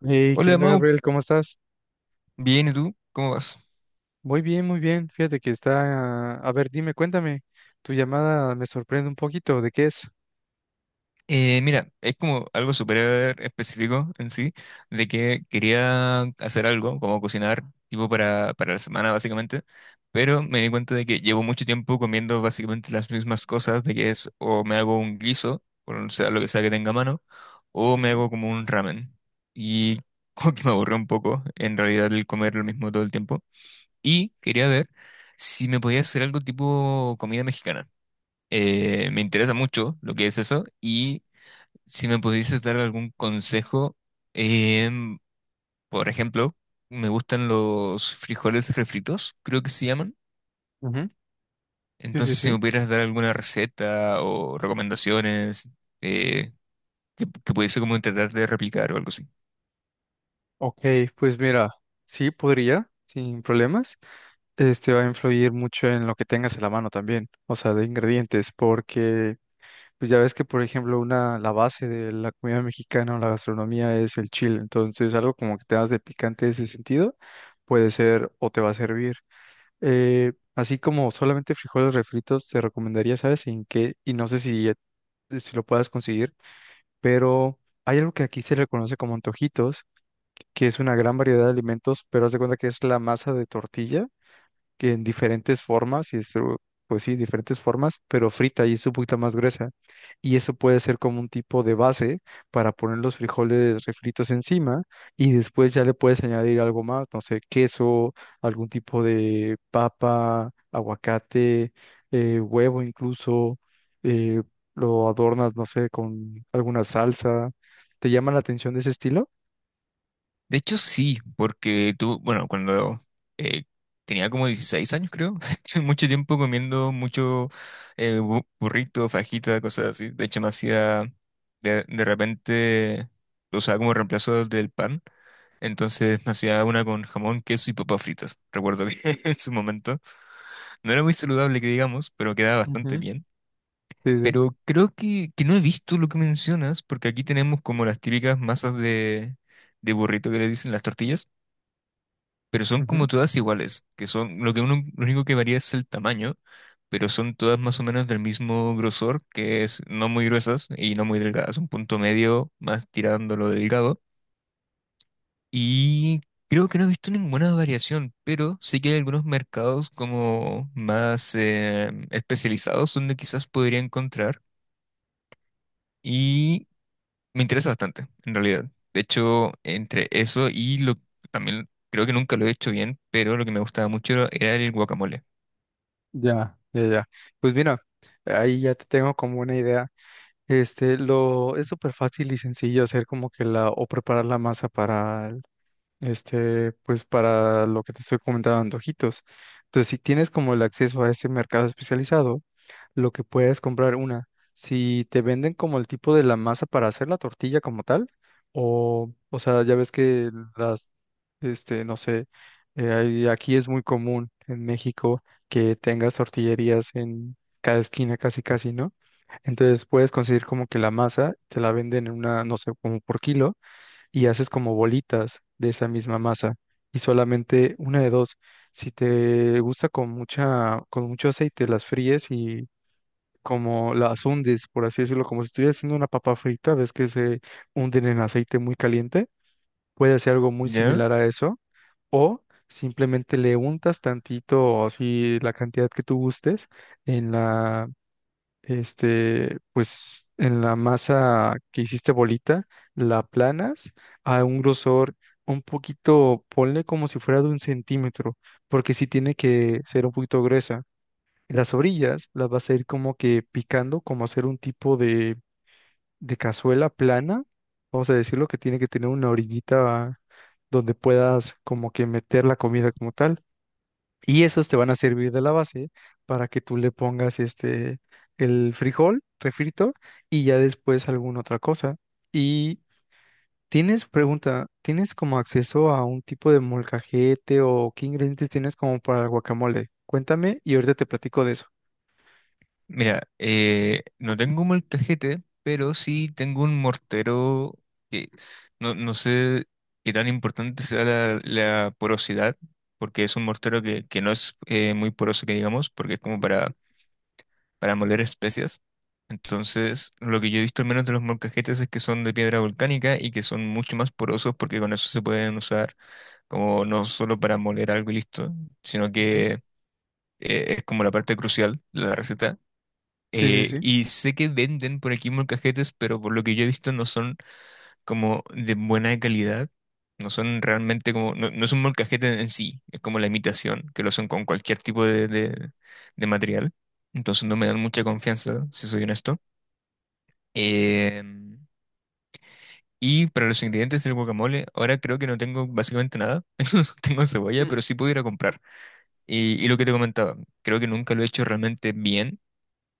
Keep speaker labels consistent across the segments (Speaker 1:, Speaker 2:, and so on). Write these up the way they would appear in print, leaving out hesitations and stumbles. Speaker 1: Hey, ¿qué
Speaker 2: Hola,
Speaker 1: onda,
Speaker 2: Mau.
Speaker 1: Gabriel? ¿Cómo estás?
Speaker 2: Bien, ¿y tú? ¿Cómo vas?
Speaker 1: Muy bien, muy bien. Fíjate que está... A ver, dime, cuéntame. Tu llamada me sorprende un poquito. ¿De qué es?
Speaker 2: Mira, es como algo súper específico en sí, de que quería hacer algo, como cocinar, tipo para la semana, básicamente, pero me di cuenta de que llevo mucho tiempo comiendo básicamente las mismas cosas, de que es o me hago un guiso, o sea, lo que sea que tenga a mano, o me
Speaker 1: Ujú.
Speaker 2: hago como un ramen. Y como que me aburrió un poco, en realidad, el comer lo mismo todo el tiempo. Y quería ver si me podía hacer algo tipo comida mexicana. Me interesa mucho lo que es eso y si me pudieses dar algún consejo, em, por ejemplo, me gustan los frijoles refritos, creo que se llaman.
Speaker 1: Ujú. Sí, sí,
Speaker 2: Entonces, si
Speaker 1: sí.
Speaker 2: me pudieras dar alguna receta o recomendaciones eh, que pudiese como intentar de replicar o algo así.
Speaker 1: Ok, pues mira, sí podría, sin problemas. Este va a influir mucho en lo que tengas en la mano también, o sea, de ingredientes, porque pues ya ves que, por ejemplo, una, la base de la comida mexicana o la gastronomía es el chile, entonces algo como que te das de picante en ese sentido puede ser o te va a servir. Así como solamente frijoles refritos, te recomendaría, ¿sabes? En qué, y no sé si, si lo puedas conseguir, pero hay algo que aquí se le conoce como antojitos, que es una gran variedad de alimentos, pero haz de cuenta que es la masa de tortilla que en diferentes formas, y esto, pues sí, diferentes formas, pero frita y es un poquito más gruesa. Y eso puede ser como un tipo de base para poner los frijoles refritos encima y después ya le puedes añadir algo más, no sé, queso, algún tipo de papa, aguacate, huevo incluso, eh, lo adornas, no sé, con alguna salsa. ¿Te llama la atención de ese estilo?
Speaker 2: De hecho, sí, porque tú, bueno, cuando eh, tenía como 16 años, creo, estuve mucho tiempo comiendo mucho burrito, fajita, cosas así. De hecho, me hacía, de repente, lo usaba como reemplazo del pan. Entonces me hacía una con jamón, queso y papas fritas. Recuerdo que en su momento no era muy saludable, que digamos, pero quedaba bastante
Speaker 1: Ujú.
Speaker 2: bien.
Speaker 1: Sí, sí.
Speaker 2: Pero creo que no he visto lo que mencionas, porque aquí tenemos como las típicas masas de burrito que le dicen las tortillas, pero son como
Speaker 1: Ujú.
Speaker 2: todas iguales, que son, lo que uno, lo único que varía es el tamaño, pero son todas más o menos del mismo grosor, que es no muy gruesas y no muy delgadas, un punto medio más tirándolo delgado. Y creo que no he visto ninguna variación, pero sí que hay algunos mercados como más especializados donde quizás podría encontrar y me interesa bastante, en realidad. De hecho, entre eso y lo también creo que nunca lo he hecho bien, pero lo que me gustaba mucho era el guacamole.
Speaker 1: Ya, ya, ya. Pues mira, ahí ya te tengo como una idea. Este, lo es súper fácil y sencillo hacer como que la o preparar la masa para el- este, pues para lo que te estoy comentando, antojitos. Entonces, si tienes como el acceso a ese mercado especializado, lo que puedes comprar una. Si te venden como el tipo de la masa para hacer la tortilla como tal, o sea, ya ves que las, este, no sé, hay- aquí es muy común en México que tengas tortillerías en cada esquina casi casi, ¿no? Entonces puedes conseguir como que la masa, te la venden en una, no sé, como por kilo, y haces como bolitas de esa misma masa. Y solamente una de dos. Si te gusta con mucha, con mucho aceite, las fríes y como las hundes, por así decirlo, como si estuvieras haciendo una papa frita, ves que se hunden en aceite muy caliente, puede hacer algo muy
Speaker 2: ¿Ya?
Speaker 1: similar a eso, o simplemente le untas tantito, así la cantidad que tú gustes, en la, este, pues, en la masa que hiciste bolita, la aplanas a un grosor un poquito, ponle como si fuera de un centímetro, porque si tiene que ser un poquito gruesa las orillas las vas a ir como que picando, como hacer un tipo de cazuela plana. Vamos a decirlo que tiene que tener una orillita donde puedas como que meter la comida como tal. Y esos te van a servir de la base para que tú le pongas este el frijol refrito y ya después alguna otra cosa. Y tienes pregunta, ¿tienes como acceso a un tipo de molcajete o qué ingredientes tienes como para el guacamole? Cuéntame y ahorita te platico de eso.
Speaker 2: Mira, no tengo un molcajete, pero sí tengo un mortero que no sé qué tan importante sea la porosidad, porque es un mortero que no es muy poroso, que digamos, porque es como para moler especias. Entonces, lo que yo he visto al menos de los molcajetes es que son de piedra volcánica y que son mucho más porosos porque con eso se pueden usar como no solo para moler algo y listo, sino
Speaker 1: Ujú.
Speaker 2: que es como la parte crucial de la receta.
Speaker 1: Sí, sí, sí.
Speaker 2: Y sé que venden por aquí molcajetes, pero por lo que yo he visto no son como de buena calidad. No son realmente como, no, no es un molcajete en sí, es como la imitación, que lo hacen con cualquier tipo de material. Entonces no me dan mucha confianza, si soy honesto. Em, y para los ingredientes del guacamole, ahora creo que no tengo básicamente nada. Tengo cebolla,
Speaker 1: Ujú.
Speaker 2: pero sí puedo ir a comprar. Y lo que te comentaba, creo que nunca lo he hecho realmente bien.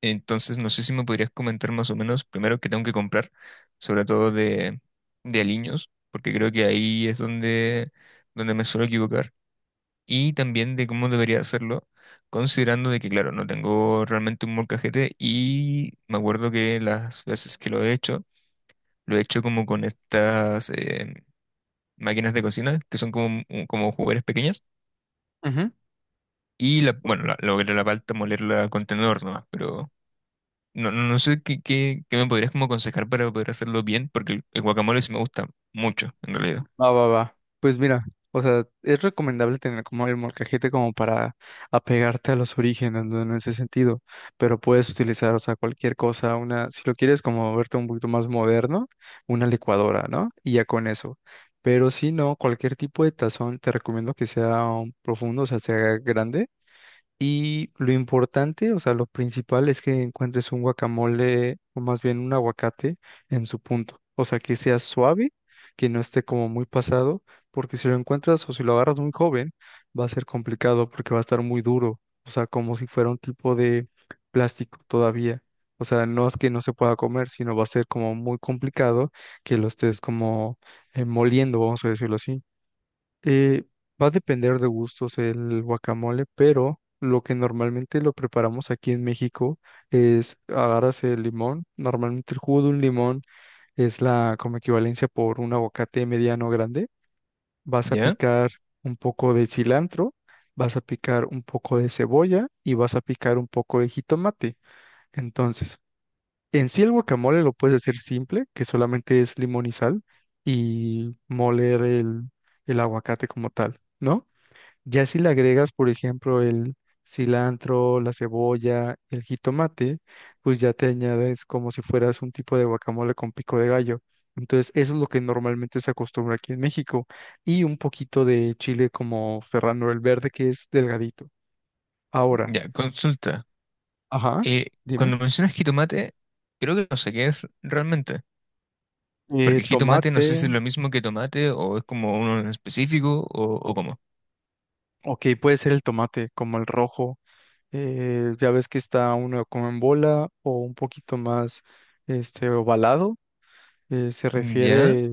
Speaker 2: Entonces, no sé si me podrías comentar más o menos, primero, qué tengo que comprar, sobre todo de aliños, porque creo que ahí es donde me suelo equivocar, y también de cómo debería hacerlo, considerando de que, claro, no tengo realmente un molcajete y me acuerdo que las veces que lo he hecho como con estas máquinas de cocina, que son como, como juguetes pequeñas, y la, bueno, la, logré la palta molerla con tenedor nomás, pero... No sé qué me podrías como aconsejar para poder hacerlo bien, porque el guacamole sí me gusta mucho, en realidad.
Speaker 1: Va, va, va. Pues mira, o sea, es recomendable tener como el molcajete como para apegarte a los orígenes, ¿no? En ese sentido, pero puedes utilizar, o sea, cualquier cosa, una, si lo quieres como verte un poquito más moderno, una licuadora, ¿no? Y ya con eso. Pero si no, cualquier tipo de tazón, te recomiendo que sea profundo, o sea, sea grande, y lo importante, o sea, lo principal es que encuentres un guacamole o más bien un aguacate en su punto. O sea, que sea suave, que no esté como muy pasado, porque si lo encuentras o si lo agarras muy joven, va a ser complicado porque va a estar muy duro. O sea, como si fuera un tipo de plástico todavía. O sea, no es que no se pueda comer, sino va a ser como muy complicado que lo estés como moliendo, vamos a decirlo así. Eh, Va a depender de gustos el guacamole, pero lo que normalmente lo preparamos aquí en México es agarras el limón, normalmente el jugo de un limón es la como equivalencia por un aguacate mediano grande, vas a
Speaker 2: ¿Ya?
Speaker 1: picar un poco de cilantro, vas a picar un poco de cebolla y vas a picar un poco de jitomate. Entonces, en sí el guacamole lo puedes hacer simple, que solamente es limón y sal y moler el aguacate como tal, ¿no? Ya si le agregas, por ejemplo, el cilantro, la cebolla, el jitomate, pues ya te añades como si fueras un tipo de guacamole con pico de gallo. Entonces, eso es lo que normalmente se acostumbra aquí en México. Y un poquito de chile como Ferrando el verde, que es delgadito. Ahora,
Speaker 2: Ya, consulta.
Speaker 1: ajá,
Speaker 2: Eh,
Speaker 1: dime.
Speaker 2: Cuando mencionas jitomate, creo que no sé qué es realmente. Porque jitomate no sé si es
Speaker 1: Tomate,
Speaker 2: lo mismo que tomate o es como uno en específico o cómo.
Speaker 1: ok, puede ser el tomate, como el rojo. Eh, ya ves que está uno como en bola o un poquito más este, ovalado se
Speaker 2: ¿Ya?
Speaker 1: refiere.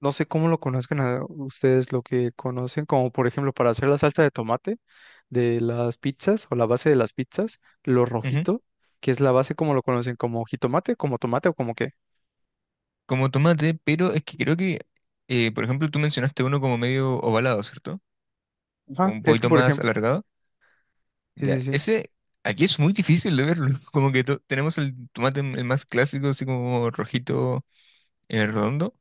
Speaker 1: No sé cómo lo conozcan a ustedes, lo que conocen, como por ejemplo para hacer la salsa de tomate de las pizzas o la base de las pizzas, lo
Speaker 2: Ujú.
Speaker 1: rojito, que es la base como lo conocen, como jitomate, como tomate o como qué.
Speaker 2: Como tomate, pero es que creo que, por ejemplo, tú mencionaste uno como medio ovalado, ¿cierto?
Speaker 1: Ajá,
Speaker 2: Un
Speaker 1: es que
Speaker 2: poquito
Speaker 1: por
Speaker 2: más
Speaker 1: ejemplo,
Speaker 2: alargado.
Speaker 1: sí,
Speaker 2: Ya,
Speaker 1: sí, sí.
Speaker 2: ese aquí es muy difícil de verlo. Como que tenemos el tomate el más clásico, así como rojito, redondo.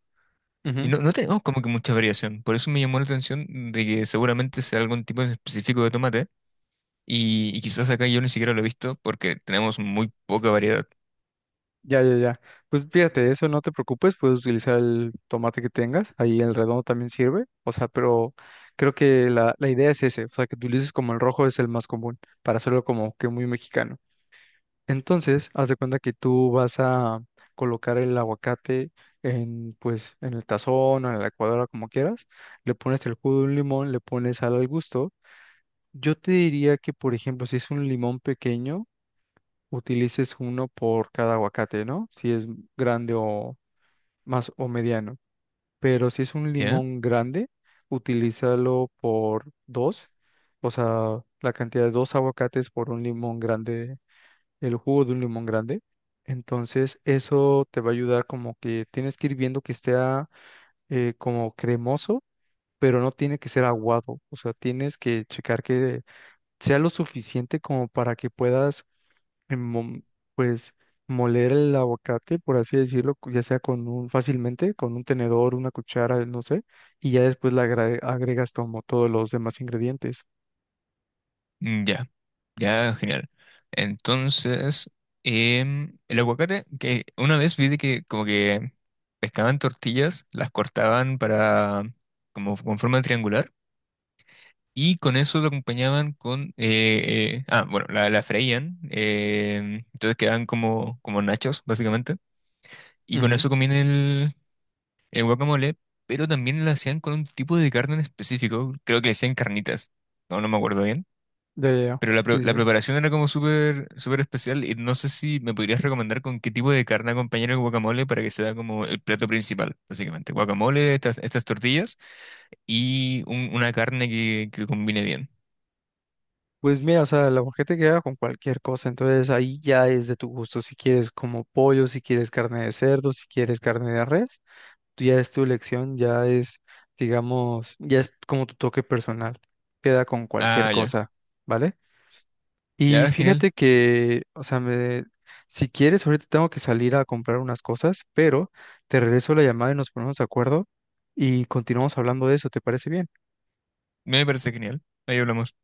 Speaker 2: Y
Speaker 1: Ujú.
Speaker 2: no, no tenemos como que mucha variación. Por eso me llamó la atención de que seguramente sea algún tipo en específico de tomate. Y quizás acá yo ni siquiera lo he visto porque tenemos muy poca variedad.
Speaker 1: Ya, ya, ya. Pues fíjate, eso no te preocupes, puedes utilizar el tomate que tengas, ahí el redondo también sirve, o sea, pero creo que la idea es ese, o sea, que utilices como el rojo es el más común, para hacerlo como que muy mexicano. Entonces, haz de cuenta que tú vas a colocar el aguacate en, pues, en el tazón o en la licuadora, como quieras. Le pones el jugo de un limón, le pones sal al gusto. Yo te diría que, por ejemplo, si es un limón pequeño, utilices uno por cada aguacate, ¿no? Si es grande o más o mediano. Pero si es un
Speaker 2: ¿Ya?
Speaker 1: limón grande, utilízalo por dos. O sea, la cantidad de dos aguacates por un limón grande el jugo de un limón grande. Entonces, eso te va a ayudar como que tienes que ir viendo que esté ah, como cremoso, pero no tiene que ser aguado. O sea, tienes que checar que sea lo suficiente como para que puedas, mom- pues, moler el aguacate, por así decirlo, cu- ya sea con un, fácilmente, con un tenedor, una cuchara, no sé, y ya después le agra- agregas como todos los demás ingredientes.
Speaker 2: Mm. Ya, ya, genial. Entonces, el aguacate, que una vez vi de que como que pescaban tortillas, las cortaban para como con forma triangular. Y con eso lo acompañaban con... bueno, la freían. Entonces quedaban como, como nachos, básicamente. Y con
Speaker 1: Ujú.
Speaker 2: eso comían el guacamole, pero también lo hacían con un tipo de carne en específico. Creo que le hacían carnitas. No me acuerdo bien.
Speaker 1: Ya, ya, ya.
Speaker 2: Pero
Speaker 1: Sí,
Speaker 2: la
Speaker 1: sí.
Speaker 2: preparación era como súper súper especial y no sé si me podrías recomendar con qué tipo de carne acompañar el guacamole para que sea como el plato principal, básicamente. Guacamole, estas, estas tortillas y una carne que combine bien.
Speaker 1: Pues mira, o sea, la gente queda con cualquier cosa, entonces ahí ya es de tu gusto, si quieres como pollo, si quieres carne de cerdo, si quieres carne de res, tú ya es tu elección, ya es, digamos, ya es como tu toque personal, queda con cualquier
Speaker 2: Ah, ya.
Speaker 1: cosa, ¿vale? Y
Speaker 2: Ya, genial.
Speaker 1: fíjate que, o sea, me, si quieres, ahorita tengo que salir a comprar unas cosas, pero te regreso la llamada y nos ponemos de acuerdo y continuamos hablando de eso, ¿te parece bien?
Speaker 2: Me parece genial. Ahí hablamos.